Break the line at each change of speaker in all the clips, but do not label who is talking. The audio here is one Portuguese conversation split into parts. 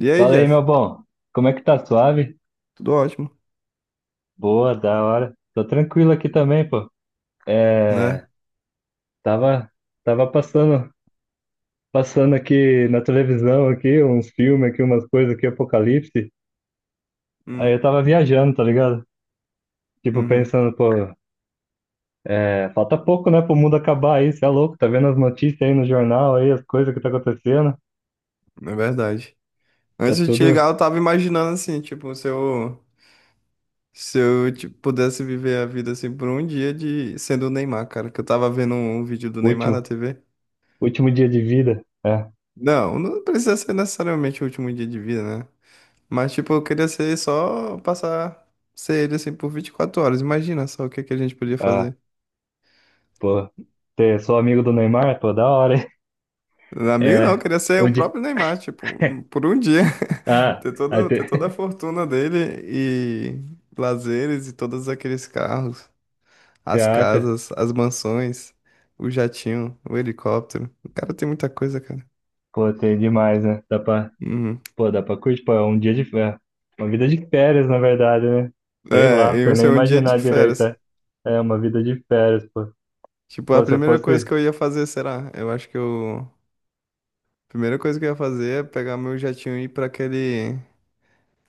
E aí,
Fala aí, meu
Jeff?
bom. Como é que tá? Suave?
Tudo ótimo,
Boa, da hora. Tô tranquilo aqui também, pô. É,
né?
tava, tava passando, passando aqui na televisão aqui, uns filmes aqui, umas coisas aqui, apocalipse. Aí eu
Hum,
tava viajando, tá ligado? Tipo,
uhum,
pensando, pô, é, falta pouco, né, pro mundo acabar aí, cê é louco, tá vendo as notícias aí no jornal aí, as coisas que tá acontecendo.
é verdade.
É
Antes de te
tudo
ligar, eu tava imaginando assim, tipo, se eu tipo, pudesse viver a vida assim por um dia de sendo o Neymar, cara, que eu tava vendo um vídeo do Neymar na
último,
TV.
último dia de vida. É,
Não, não precisa ser necessariamente o último dia de vida, né? Mas tipo, eu queria ser só passar ser ele assim por 24 horas. Imagina só o que é que a gente podia
ah,
fazer.
pô, ter, sou amigo do Neymar, pô, da hora, hein?
Amigo não, eu
É,
queria ser
um
o
dia.
próprio Neymar, tipo, por um dia.
Ah,
Ter
aí
toda, ter
te-
toda a fortuna dele e lazeres e todos aqueles carros,
você
as
acha?
casas, as mansões, o jatinho, o helicóptero. O cara tem muita coisa, cara.
Pô, tem demais, né?
Uhum.
Pô, dá pra curtir, pô, é um dia de férias. Uma vida de férias, na verdade, né? Sei lá,
É, eu
você nem
é um dia de
imaginar direito.
férias.
É, é uma vida de férias, pô.
Tipo, a
Pô, se eu
primeira coisa
fosse.
que eu ia fazer, será? Eu acho que eu. A primeira coisa que eu ia fazer é pegar meu jatinho e ir pra aquele.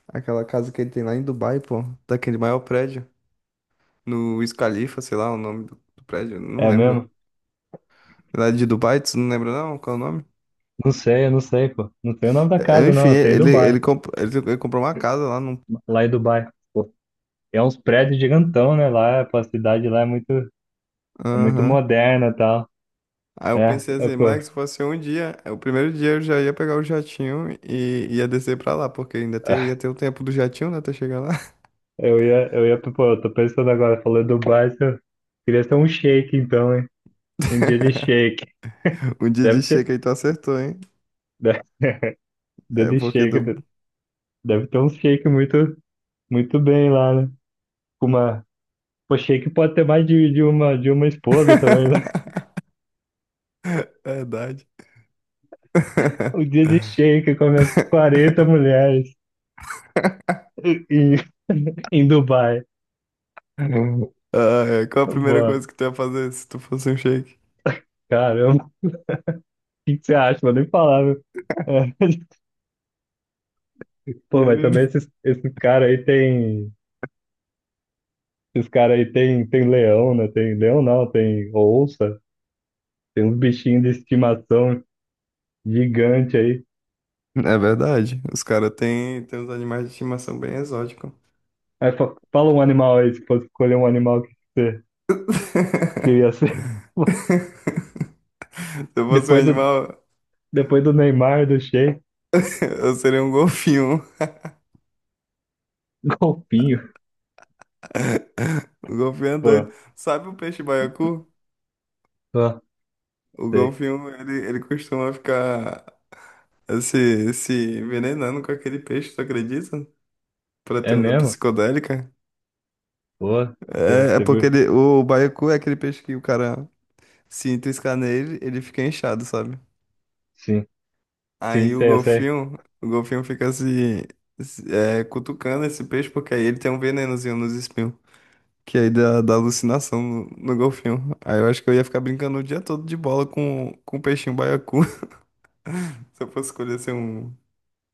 Aquela casa que ele tem lá em Dubai, pô. Daquele maior prédio, no Wiz Khalifa, sei lá o nome do prédio, não
É
lembro.
mesmo?
Lá de Dubai, tu não lembra não? Qual é o nome?
Não sei, eu não sei, pô. Não sei o nome da casa, não.
Enfim,
Eu sei
ele,
Dubai.
ele, comp- ele, ele comprou uma casa lá num.
Lá em Dubai. Pô, é uns prédios gigantão, né? Lá, pô, a cidade lá é muito
Aham.
moderna e tal.
Aí eu pensei assim,
Pô,
moleque, se fosse um dia, é, o primeiro dia eu já ia pegar o jatinho e ia descer pra lá, porque ainda tem, ia ter o tempo do jatinho, né, até chegar lá.
pô, eu tô pensando agora, falou Dubai, se eu queria ser um shake, então, hein? Um dia de shake.
Um dia de
Deve ter.
chega aí tu acertou, hein?
Deve, dia de
É
Daily
porque
shake.
do.
De- Deve ter um shake muito bem lá, né? Com uma, pô, shake pode ter mais de uma esposa também, né?
Verdade.
Um dia de shake com as 40 mulheres em, em Dubai.
Caramba. Ah, é. Qual a primeira
Boa.
coisa que tu ia fazer se tu fosse um shake?
Caramba, o que você acha? Vou nem falar, viu? É. Pô,
Ia
mas também
viver.
esses caras aí tem. Esses caras aí tem, tem leão, né? Tem leão não, tem onça, tem uns bichinhos de estimação gigante aí.
É verdade. Os caras têm tem uns animais de estimação bem exóticos.
Aí fa- fala um animal aí, se fosse escolher um animal que você queria ser.
Se eu fosse um
Depois do,
animal,
depois do Neymar, do Sheik,
eu seria um golfinho.
golfinho.
O golfinho é
Pô,
doido. Sabe o peixe baiacu?
pô,
O
sei.
golfinho, ele costuma ficar se envenenando com aquele peixe, tu acredita? Pra ter
É
onda
mesmo?
psicodélica.
Pô,
É, é
você
porque
viu?
ele, o baiacu é aquele peixe que o cara se triscar nele, ele fica inchado, sabe?
Sim, sim,
Aí
sei, eu sei.
o golfinho fica cutucando esse peixe, porque aí ele tem um venenozinho nos espinhos. Que aí dá alucinação no golfinho. Aí eu acho que eu ia ficar brincando o dia todo de bola com o peixinho baiacu. Se eu fosse escolher ser um,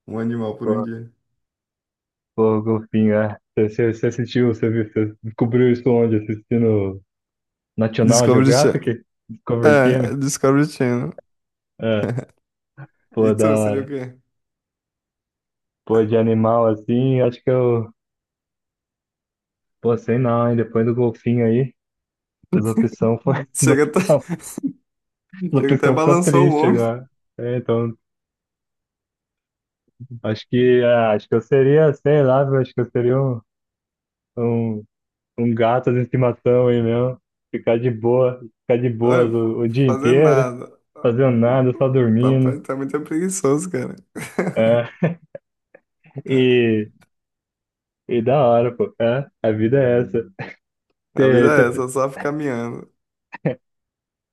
um animal por um
Pô,
dia.
pô, golfinho, é. Você, você assistiu, você viu, você descobriu isso onde? Assistindo National
Discovery Channel.
Geographic? Discovery Channel?
É, Discovery Channel.
É,
E
pô, da
tu, seria o
hora.
quê?
Pô, de animal assim, acho que eu. Pô, sei não, hein? Depois do golfinho aí, as opções foram.
Chega até,
A
chega até
pessoa ficou
balançou o
triste
homem.
agora. É, então, acho que, é, acho que eu seria, sei lá, viu, acho que eu seria um, um gato de estimação aí mesmo. Ficar de boa, ficar de boas
Olha,
o dia
fazer
inteiro,
nada.
fazendo nada, só dormindo.
Papai tá muito preguiçoso, cara.
É, e, e da hora, pô. É, a vida é essa.
A vida é
Cê-
essa, só ficar miando.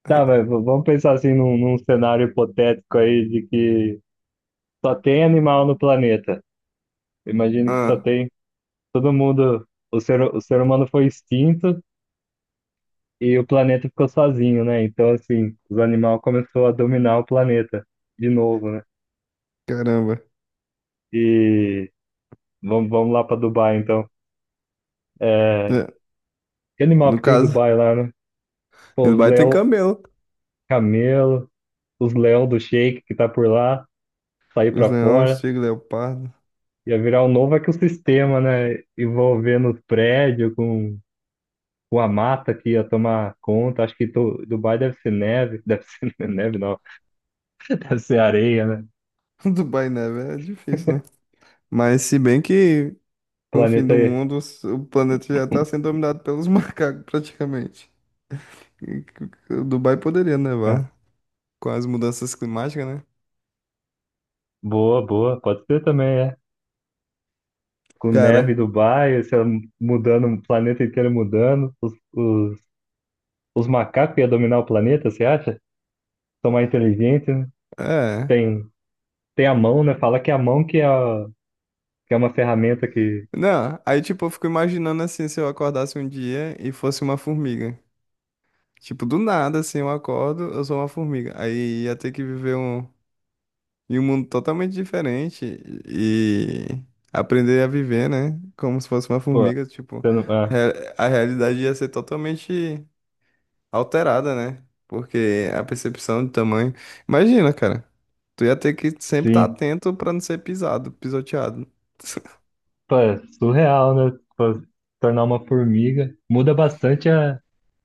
tá, mas v- vamos pensar assim num cenário hipotético aí de que só tem animal no planeta. Imagine que só
Ah,
tem todo mundo, o ser humano foi extinto. E o planeta ficou sozinho, né? Então, assim, os animais começaram a dominar o planeta de novo, né?
caramba.
E vamos lá para Dubai, então. É,
É,
que animal
no
que tem em
caso,
Dubai lá, né?
em
Pô, os
Dubai tem
leão
camelo.
camelo, os leão do Sheik que tá por lá, sair
Os
para
leões,
fora.
tigre, leopardo.
Ia virar um novo ecossistema, né? Envolvendo os prédios com a mata que ia tomar conta. Acho que Tu- Dubai deve ser neve, deve ser neve, não, deve ser areia, né?
Dubai neve é difícil, né? Mas se bem que com o fim
Planeta
do
aí.
mundo, o planeta já tá sendo dominado pelos macacos, praticamente. E Dubai poderia
Ah,
nevar com as mudanças climáticas, né?
boa, boa, pode ser também, é. Com neve em
Cara,
Dubai, você mudando, o planeta inteiro mudando. Os macacos iam dominar o planeta, você acha? São mais inteligentes, né?
é.
Tem, tem a mão, né? Fala que é a mão que é, a- que é uma ferramenta que,
Não, aí tipo, eu fico imaginando assim, se eu acordasse um dia e fosse uma formiga. Tipo, do nada, assim, eu acordo, eu sou uma formiga. Aí ia ter que viver em um mundo totalmente diferente e aprender a viver, né? Como se fosse uma
pô,
formiga, tipo,
você não- ah,
re- a realidade ia ser totalmente alterada, né? Porque a percepção de tamanho. Imagina, cara, tu ia ter que sempre estar
sim,
atento pra não ser pisado, pisoteado.
pô, é surreal, né? Pô, se tornar uma formiga. Muda bastante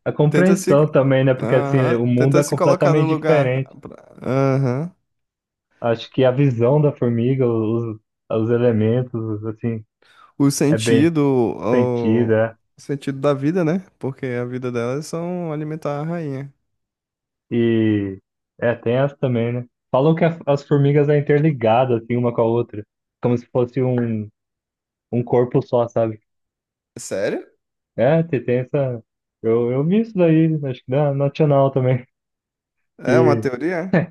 a
Tenta se.
compreensão também, né? Porque assim,
Aham.
o mundo é
Tenta se colocar no
completamente
lugar.
diferente.
Aham.
Acho que a visão da formiga, os elementos, assim,
O
é bem
sentido. O...
sentido,
o
é.
sentido da vida, né? Porque a vida delas são alimentar a rainha.
E é, tem essa também, né? Falam que as formigas é interligada, assim, uma com a outra. Como se fosse um corpo só, sabe?
Sério?
É, tem, tem essa. Eu vi isso daí, acho que na Nacional também.
É uma
E...
teoria?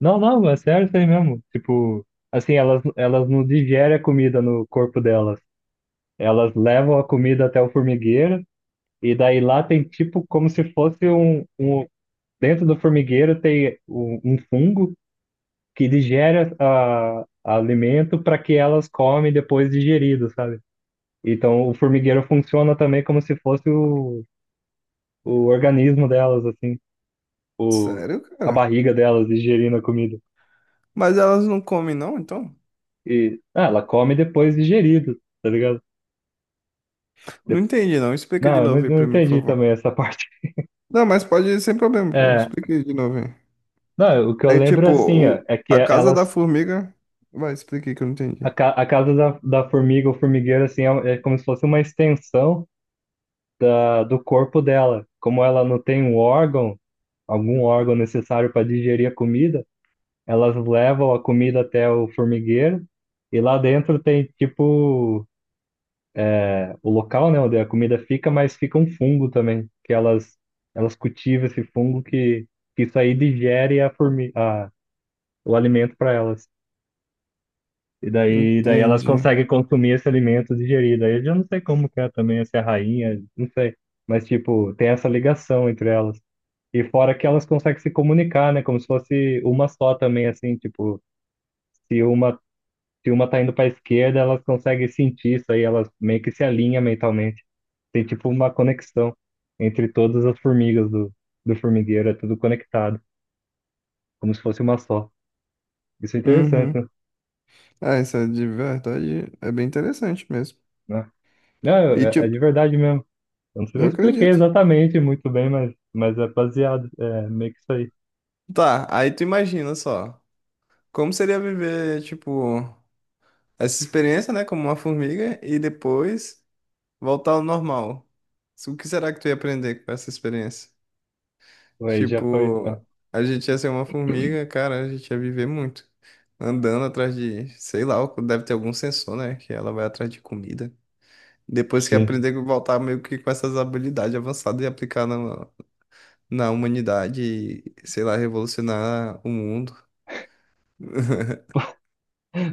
Não, não, é sério isso aí mesmo. Tipo, assim, elas não digerem a comida no corpo delas. Elas levam a comida até o formigueiro, e daí lá tem tipo como se fosse um... Dentro do formigueiro tem um fungo que digere a alimento para que elas comem depois digerido, sabe? Então o formigueiro funciona também como se fosse o organismo delas, assim, o,
Sério,
a
cara?
barriga delas digerindo a comida.
Mas elas não comem, não, então?
E ah, ela come depois digerido, tá ligado?
Não
De-
entendi, não. Explica de
Não, eu não,
novo aí
não
pra mim, por
entendi
favor.
também essa parte.
Não, mas pode ir sem problema, pô.
É,
Explica aí de novo aí.
não, o que eu
É
lembro
tipo,
assim, ó,
o...
é que
a casa da
elas
formiga. Vai, explica aí que eu não
a,
entendi.
ca- a casa da, da formiga ou formigueiro assim é, é como se fosse uma extensão ah, do corpo dela. Como ela não tem um órgão algum órgão necessário para digerir a comida, elas levam a comida até o formigueiro e lá dentro tem tipo o local, né, onde a comida fica, mas fica um fungo também, que elas cultivam esse fungo que isso aí digere a formi a, o alimento para elas. E daí elas
Entendi.
conseguem consumir esse alimento digerido. Aí eu já não sei como que é também, se é rainha, não sei. Mas, tipo, tem essa ligação entre elas. E fora que elas conseguem se comunicar, né? Como se fosse uma só também, assim, tipo, se uma, se uma tá indo pra esquerda, elas conseguem sentir isso aí, elas meio que se alinham mentalmente. Tem tipo uma conexão entre todas as formigas do, do formigueiro, é tudo conectado, como se fosse uma só. Isso é interessante,
Uhum. Ah, essa de verdade é bem interessante mesmo.
né? Não,
E,
é, é
tipo,
de verdade mesmo. Eu não sei
eu
se eu expliquei
acredito.
exatamente muito bem, mas é baseado, é meio que isso aí.
Tá, aí tu imagina só. Como seria viver, tipo, essa experiência, né, como uma formiga e depois voltar ao normal? O que será que tu ia aprender com essa experiência?
Aí já foi. É,
Tipo, a gente ia ser uma formiga, cara, a gente ia viver muito. Andando atrás de, sei lá, deve ter algum sensor, né, que ela vai atrás de comida. Depois que
sim.
aprender a voltar meio que com essas habilidades avançadas e aplicar na humanidade, sei lá, revolucionar o mundo.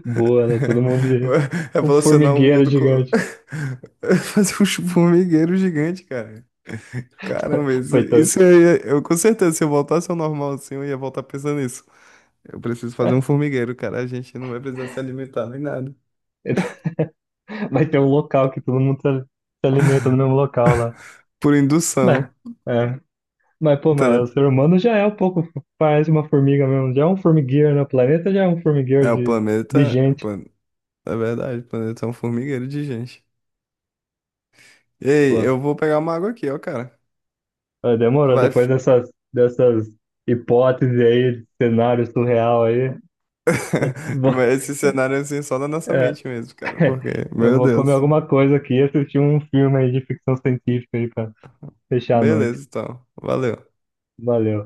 Boa, né? Todo mundo de um
Revolucionar o
formigueiro
mundo com...
gigante.
Fazer um formigueiro gigante, cara. Caramba, isso,
Foi, então
isso aí, é- eu com certeza, se eu voltasse ao normal assim, eu ia voltar pensando nisso. Eu preciso fazer
é,
um formigueiro, cara. A gente não vai precisar se alimentar nem nada.
vai ter um local que todo mundo se alimenta no mesmo local lá.
Por
Mas,
indução.
é, mas pô, mas
Tele-
o ser humano já é um pouco, parece uma formiga mesmo, já é um formigueiro no planeta, já é um formigueiro
É, o
de
planeta.
gente.
É verdade, o planeta é um formigueiro de gente. Ei,
Pô,
eu vou pegar uma água aqui, ó, cara.
é,
Tu
demorou,
vai.
depois dessas, dessas hipóteses aí, cenário surreal aí, eu vou,
Mas esse cenário assim só na nossa
é,
mente mesmo, cara. Porque,
eu
meu
vou comer
Deus.
alguma coisa aqui e assistir um filme aí de ficção científica aí pra fechar a noite.
Beleza, então. Valeu.
Valeu.